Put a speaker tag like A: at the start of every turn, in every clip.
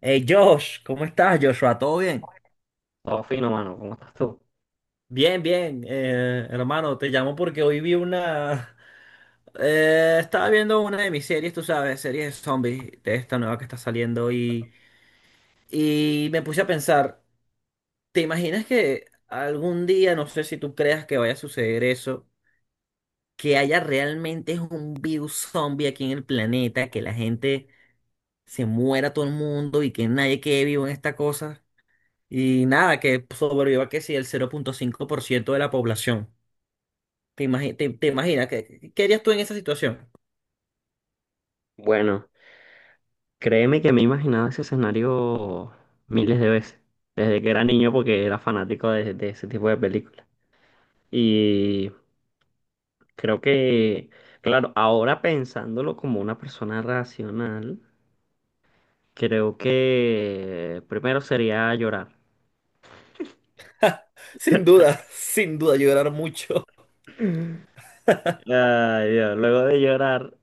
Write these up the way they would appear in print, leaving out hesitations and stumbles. A: Hey Josh, ¿cómo estás, Joshua? ¿Todo bien?
B: Todo fino, mano. ¿Cómo estás tú?
A: Bien, bien, hermano, te llamo porque hoy estaba viendo una de mis series, tú sabes, series de zombies, de esta nueva que está saliendo y me puse a pensar, ¿te imaginas que algún día, no sé si tú creas que vaya a suceder eso, que haya realmente un virus zombie aquí en el planeta, que la gente se muera todo el mundo y que nadie quede vivo en esta cosa? Y nada, que sobreviva que si el 0,5% de la población. ¿Te imaginas? ¿Qué harías tú en esa situación?
B: Bueno, créeme que me he imaginado ese escenario miles de veces, desde que era niño porque era fanático de ese tipo de películas. Y creo que, claro, ahora pensándolo como una persona racional, creo que primero sería llorar.
A: Sin duda, sin duda, llorar mucho.
B: Ay, Dios, luego de llorar,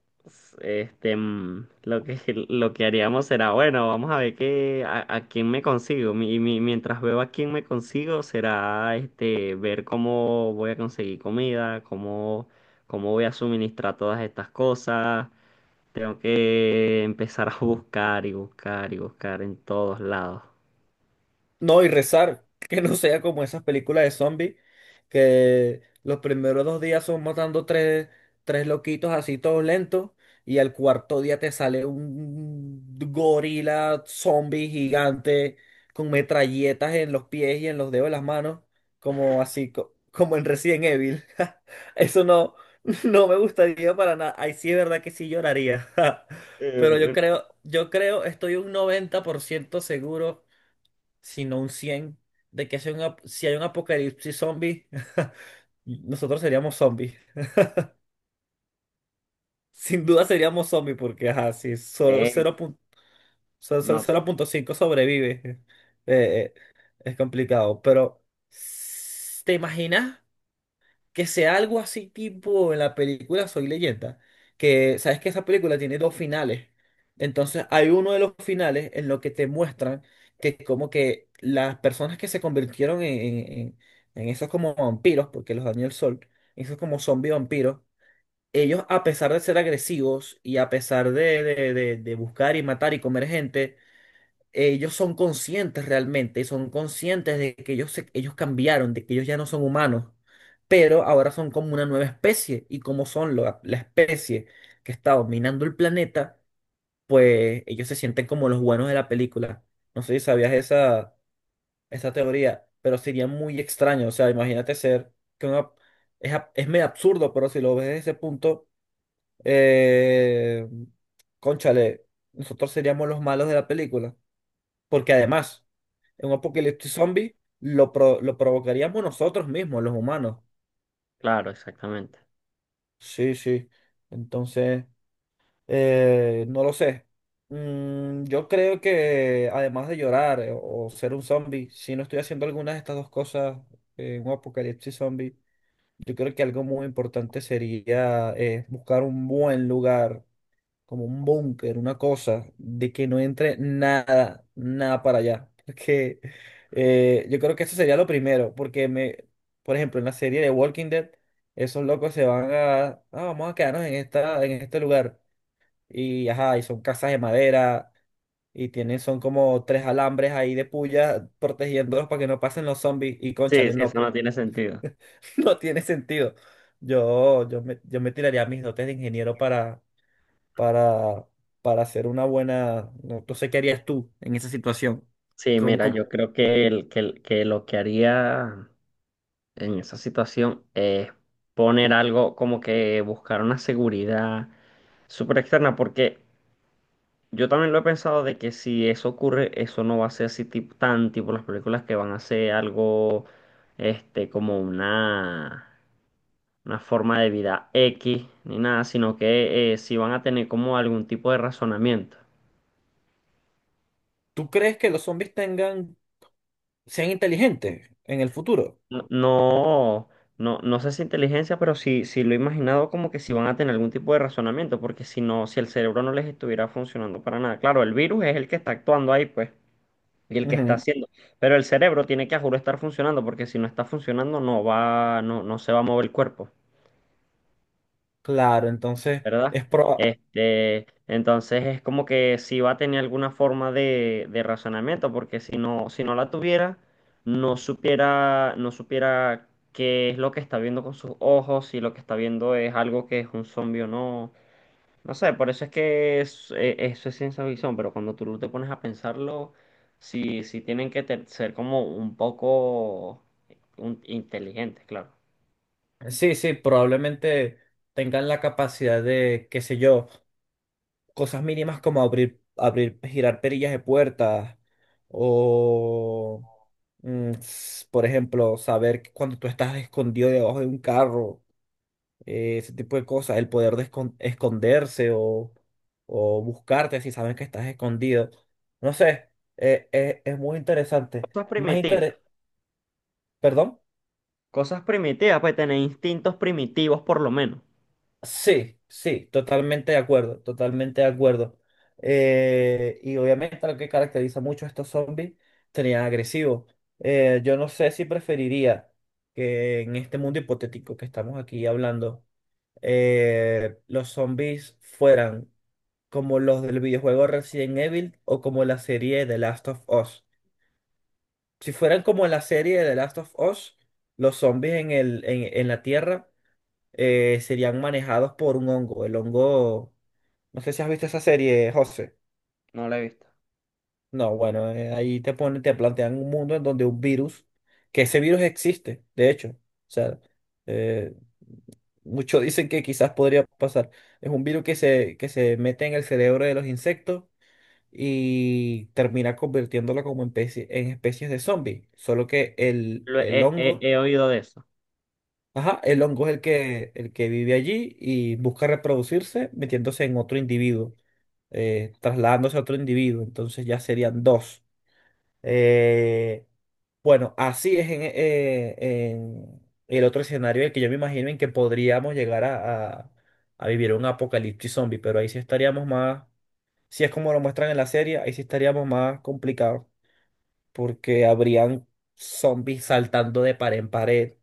B: este, mm, lo que, lo que haríamos será, bueno, vamos a ver a quién me consigo. Mientras veo a quién me consigo, será, este, ver cómo voy a conseguir comida, cómo, cómo voy a suministrar todas estas cosas. Tengo que empezar a buscar y buscar y buscar en todos lados.
A: No, y rezar, que no sea como esas películas de zombies, que los primeros 2 días son matando tres loquitos así todos lentos, y al cuarto día te sale un gorila zombie gigante con metralletas en los pies y en los dedos de las manos, como así, como en Resident Evil. Eso no, no me gustaría para nada. Ahí sí es verdad que sí lloraría. Pero yo
B: Eh,
A: creo, yo creo, estoy un 90% seguro sino un 100 de que si hay un apocalipsis zombie, nosotros seríamos zombies. Sin duda seríamos zombies, porque ajá, si solo
B: eh, eh,
A: cero pun- solo- solo
B: no,
A: 0,5 sobrevive, eh, eh, es complicado. Pero, ¿te imaginas? Que sea algo así tipo en la película Soy Leyenda, que sabes que esa película tiene dos finales. Entonces hay uno de los finales en lo que te muestran que como que las personas que se convirtieron en esos como vampiros, porque los dañó el sol, esos como zombies vampiros, ellos a pesar de ser agresivos y a pesar de buscar y matar y comer gente, ellos son conscientes realmente, son conscientes de que ellos cambiaron, de que ellos ya no son humanos, pero ahora son como una nueva especie y como son la especie que está dominando el planeta, pues ellos se sienten como los buenos de la película. No sé si sabías esa teoría, pero sería muy extraño, o sea, imagínate ser que una- es, ab- es medio absurdo, pero si lo ves desde ese punto, eh, cónchale, nosotros seríamos los malos de la película. Porque además, un apocalipsis zombie lo provocaríamos nosotros mismos, los humanos.
B: claro, exactamente.
A: Sí, sí. Entonces, no lo sé. Yo creo que además de llorar o ser un zombie, si no estoy haciendo alguna de estas dos cosas, un apocalipsis zombie, yo creo que algo muy importante sería buscar un buen lugar como un búnker, una cosa, de que no entre nada, nada para allá. Porque yo creo que eso sería lo primero, por ejemplo, en la serie de Walking Dead, esos locos se van a, vamos a quedarnos en este lugar. Y ajá, y son casas de madera, y tienen, son como tres alambres ahí de puya protegiéndolos para que no pasen los zombies. Y
B: Sí,
A: cónchale,
B: sí,
A: no,
B: eso no
A: pues,
B: tiene sentido.
A: no tiene sentido. Yo me tiraría mis dotes de ingeniero para para, para hacer una buena... No, no sé qué harías tú en esa situación.
B: Sí,
A: Como,
B: mira,
A: como-
B: yo creo que lo que haría en esa situación es poner algo como que buscar una seguridad súper externa, porque yo también lo he pensado de que si eso ocurre, eso no va a ser así tan tipo las películas, que van a ser algo este, como una forma de vida X ni nada, sino que sí van a tener como algún tipo de razonamiento.
A: ¿Tú crees que los zombies tengan, sean inteligentes en el futuro?
B: No, no, no sé si inteligencia, pero sí, sí lo he imaginado como que si van a tener algún tipo de razonamiento, porque si no, si el cerebro no les estuviera funcionando para nada. Claro, el virus es el que está actuando ahí, pues, y el que está
A: Ujú.
B: haciendo, pero el cerebro tiene que a juro estar funcionando, porque si no está funcionando, no va, no, no se va a mover el cuerpo.
A: Claro, entonces
B: ¿Verdad?
A: es proba-
B: Este, entonces es como que si va a tener alguna forma de razonamiento, porque si no, si no la tuviera, no supiera, no supiera qué es lo que está viendo con sus ojos, si lo que está viendo es algo que es un zombie o no. No sé, por eso es que eso es ciencia ficción, pero cuando tú te pones a pensarlo, sí, sí tienen que ser como un poco inteligentes, claro.
A: sí, sí, probablemente tengan la capacidad de, qué sé yo, cosas mínimas como abrir, girar perillas de puertas o, por ejemplo, saber que cuando tú estás escondido debajo de un carro ese tipo de cosas, el poder de esconderse o buscarte si saben que estás escondido. No sé, es muy interesante.
B: Cosas
A: Más interés,
B: primitivas,
A: ¿perdón?
B: cosas primitivas, pues tener instintos primitivos por lo menos.
A: Sí, sí, totalmente de acuerdo, totalmente de acuerdo. Y obviamente lo que caracteriza mucho a estos zombies serían agresivos. Yo no sé si preferiría que en este mundo hipotético que estamos aquí hablando, los zombies fueran como los del videojuego Resident Evil o como la serie The Last of Us. Si fueran como la serie de The Last of Us, los zombies en la Tierra serían manejados por un hongo. El hongo, no sé si has visto esa serie, José.
B: No la he visto.
A: No, bueno, ahí te ponen, te plantean un mundo en donde un virus, que ese virus existe, de hecho. O sea, eh, muchos dicen que quizás podría pasar. Es un virus que se, mete en el cerebro de los insectos y termina convirtiéndola como en especies de zombie. Solo que el, el hongo,
B: He oído de eso.
A: ajá, el hongo es el que vive allí y busca reproducirse metiéndose en otro individuo, trasladándose a otro individuo. Entonces ya serían dos. Eh, bueno, así es en el otro escenario el que yo me imagino en que podríamos llegar a vivir un apocalipsis zombie, pero ahí sí estaríamos más, si es como lo muestran en la serie, ahí sí estaríamos más complicados porque habrían zombies saltando de pared en pared,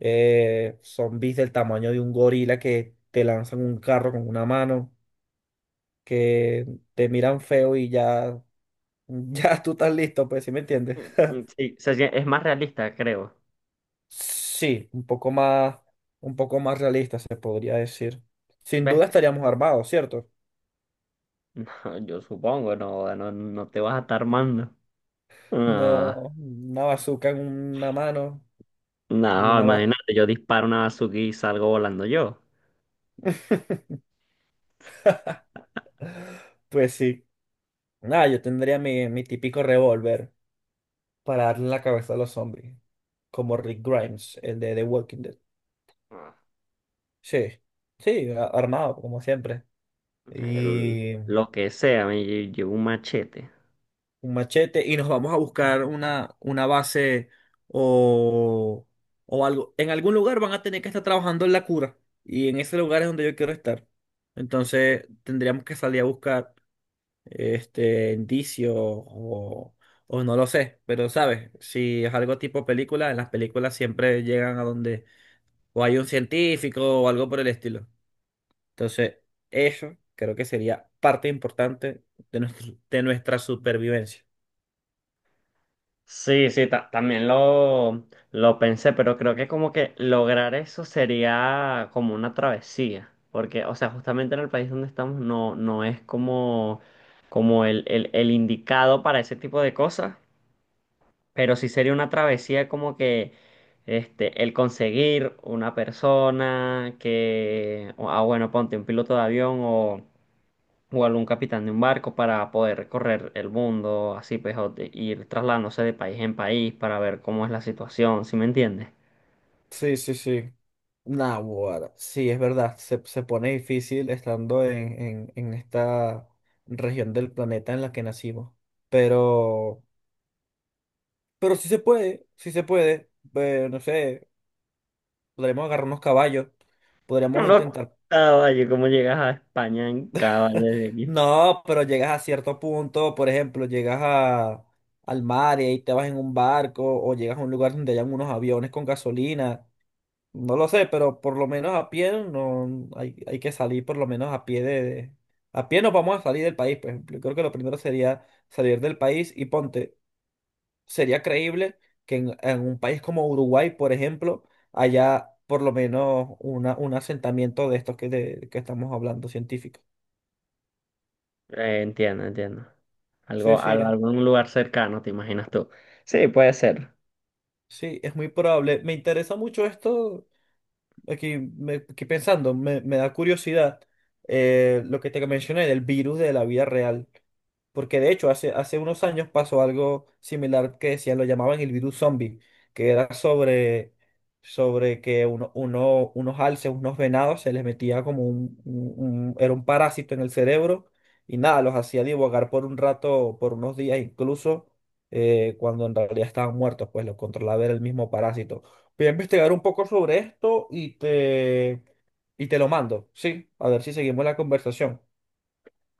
A: zombies del tamaño de un gorila que te lanzan un carro con una mano, que te miran feo y ya, ya tú estás listo, pues, ¿sí me entiendes?
B: Sí, es más realista, creo.
A: Sí, un poco más realista se podría decir. Sin
B: ¿Ves?
A: duda estaríamos armados, ¿cierto?
B: No, yo supongo, no, no, no te vas a estar armando. Ah,
A: No, una bazooka en una mano y
B: no,
A: una baja.
B: imagínate, yo disparo una bazooka y salgo volando yo.
A: Pues sí. Nada, yo tendría mi típico revólver para darle en la cabeza a los zombies, como Rick Grimes, el de The Walking Dead.
B: Ah,
A: Sí, sí, armado, como siempre.
B: el-
A: Y
B: lo que sea, llevo un machete.
A: un machete, y nos vamos a buscar una base o, o algo. En algún lugar van a tener que estar trabajando en la cura, y en ese lugar es donde yo quiero estar. Entonces tendríamos que salir a buscar indicios o no lo sé, pero sabes, si es algo tipo película, en las películas siempre llegan a donde o hay un científico o algo por el estilo. Entonces, eso creo que sería parte importante de nuestra supervivencia.
B: Sí, sí, también lo pensé, pero creo que como que lograr eso sería como una travesía, porque, o sea, justamente en el país donde estamos no, no es como, como el indicado para ese tipo de cosas, pero sí sería una travesía como que este, el conseguir una persona que, ah, bueno, ponte un piloto de avión o algún capitán de un barco para poder recorrer el mundo, así pues, ir trasladándose de país en país para ver cómo es la situación, ¿sí me entiendes?
A: Sí, sí, sí. Nah, bueno, sí, es verdad, se pone difícil estando en esta región del planeta en la que nacimos. Pero, pero sí se puede, sí se puede. No sé, podríamos agarrar unos caballos,
B: No,
A: podríamos
B: lo
A: intentar.
B: caballo, cómo llegas a España en caballo de aquí.
A: No, pero llegas a cierto punto, por ejemplo, llegas al mar y ahí te vas en un barco o llegas a un lugar donde hayan unos aviones con gasolina. No lo sé, pero por lo menos a pie no hay, hay que salir por lo menos a pie. A pie nos vamos a salir del país, por ejemplo. Yo creo que lo primero sería salir del país y ponte, sería creíble que en un país como Uruguay, por ejemplo, haya por lo menos un asentamiento de estos de que estamos hablando, científicos.
B: Entiendo, entiendo.
A: Sí,
B: Algo,
A: sí.
B: algún lugar cercano, ¿te imaginas tú? Sí, puede ser.
A: Sí, es muy probable. Me interesa mucho esto, aquí, aquí pensando, me da curiosidad lo que te mencioné del virus de la vida real. Porque de hecho, hace unos años pasó algo similar que decían, lo llamaban el virus zombie, que era sobre que unos alces, unos venados, se les metía como era un parásito en el cerebro y nada, los hacía divagar por un rato, por unos días incluso, cuando en realidad estaban muertos, pues los controlaba era el mismo parásito. Voy a investigar un poco sobre esto y y te lo mando, ¿sí? A ver si seguimos la conversación.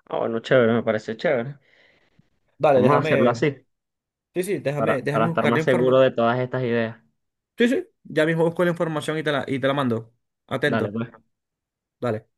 B: Ah, bueno, chévere, me parece chévere.
A: Dale,
B: Vamos a hacerlo
A: déjame.
B: así,
A: Sí, sí, déjame,
B: para
A: déjame
B: estar
A: buscar la
B: más seguro
A: información.
B: de todas estas ideas.
A: Sí, sí, ya mismo busco la información y y te la mando.
B: Dale,
A: Atento,
B: pues.
A: dale.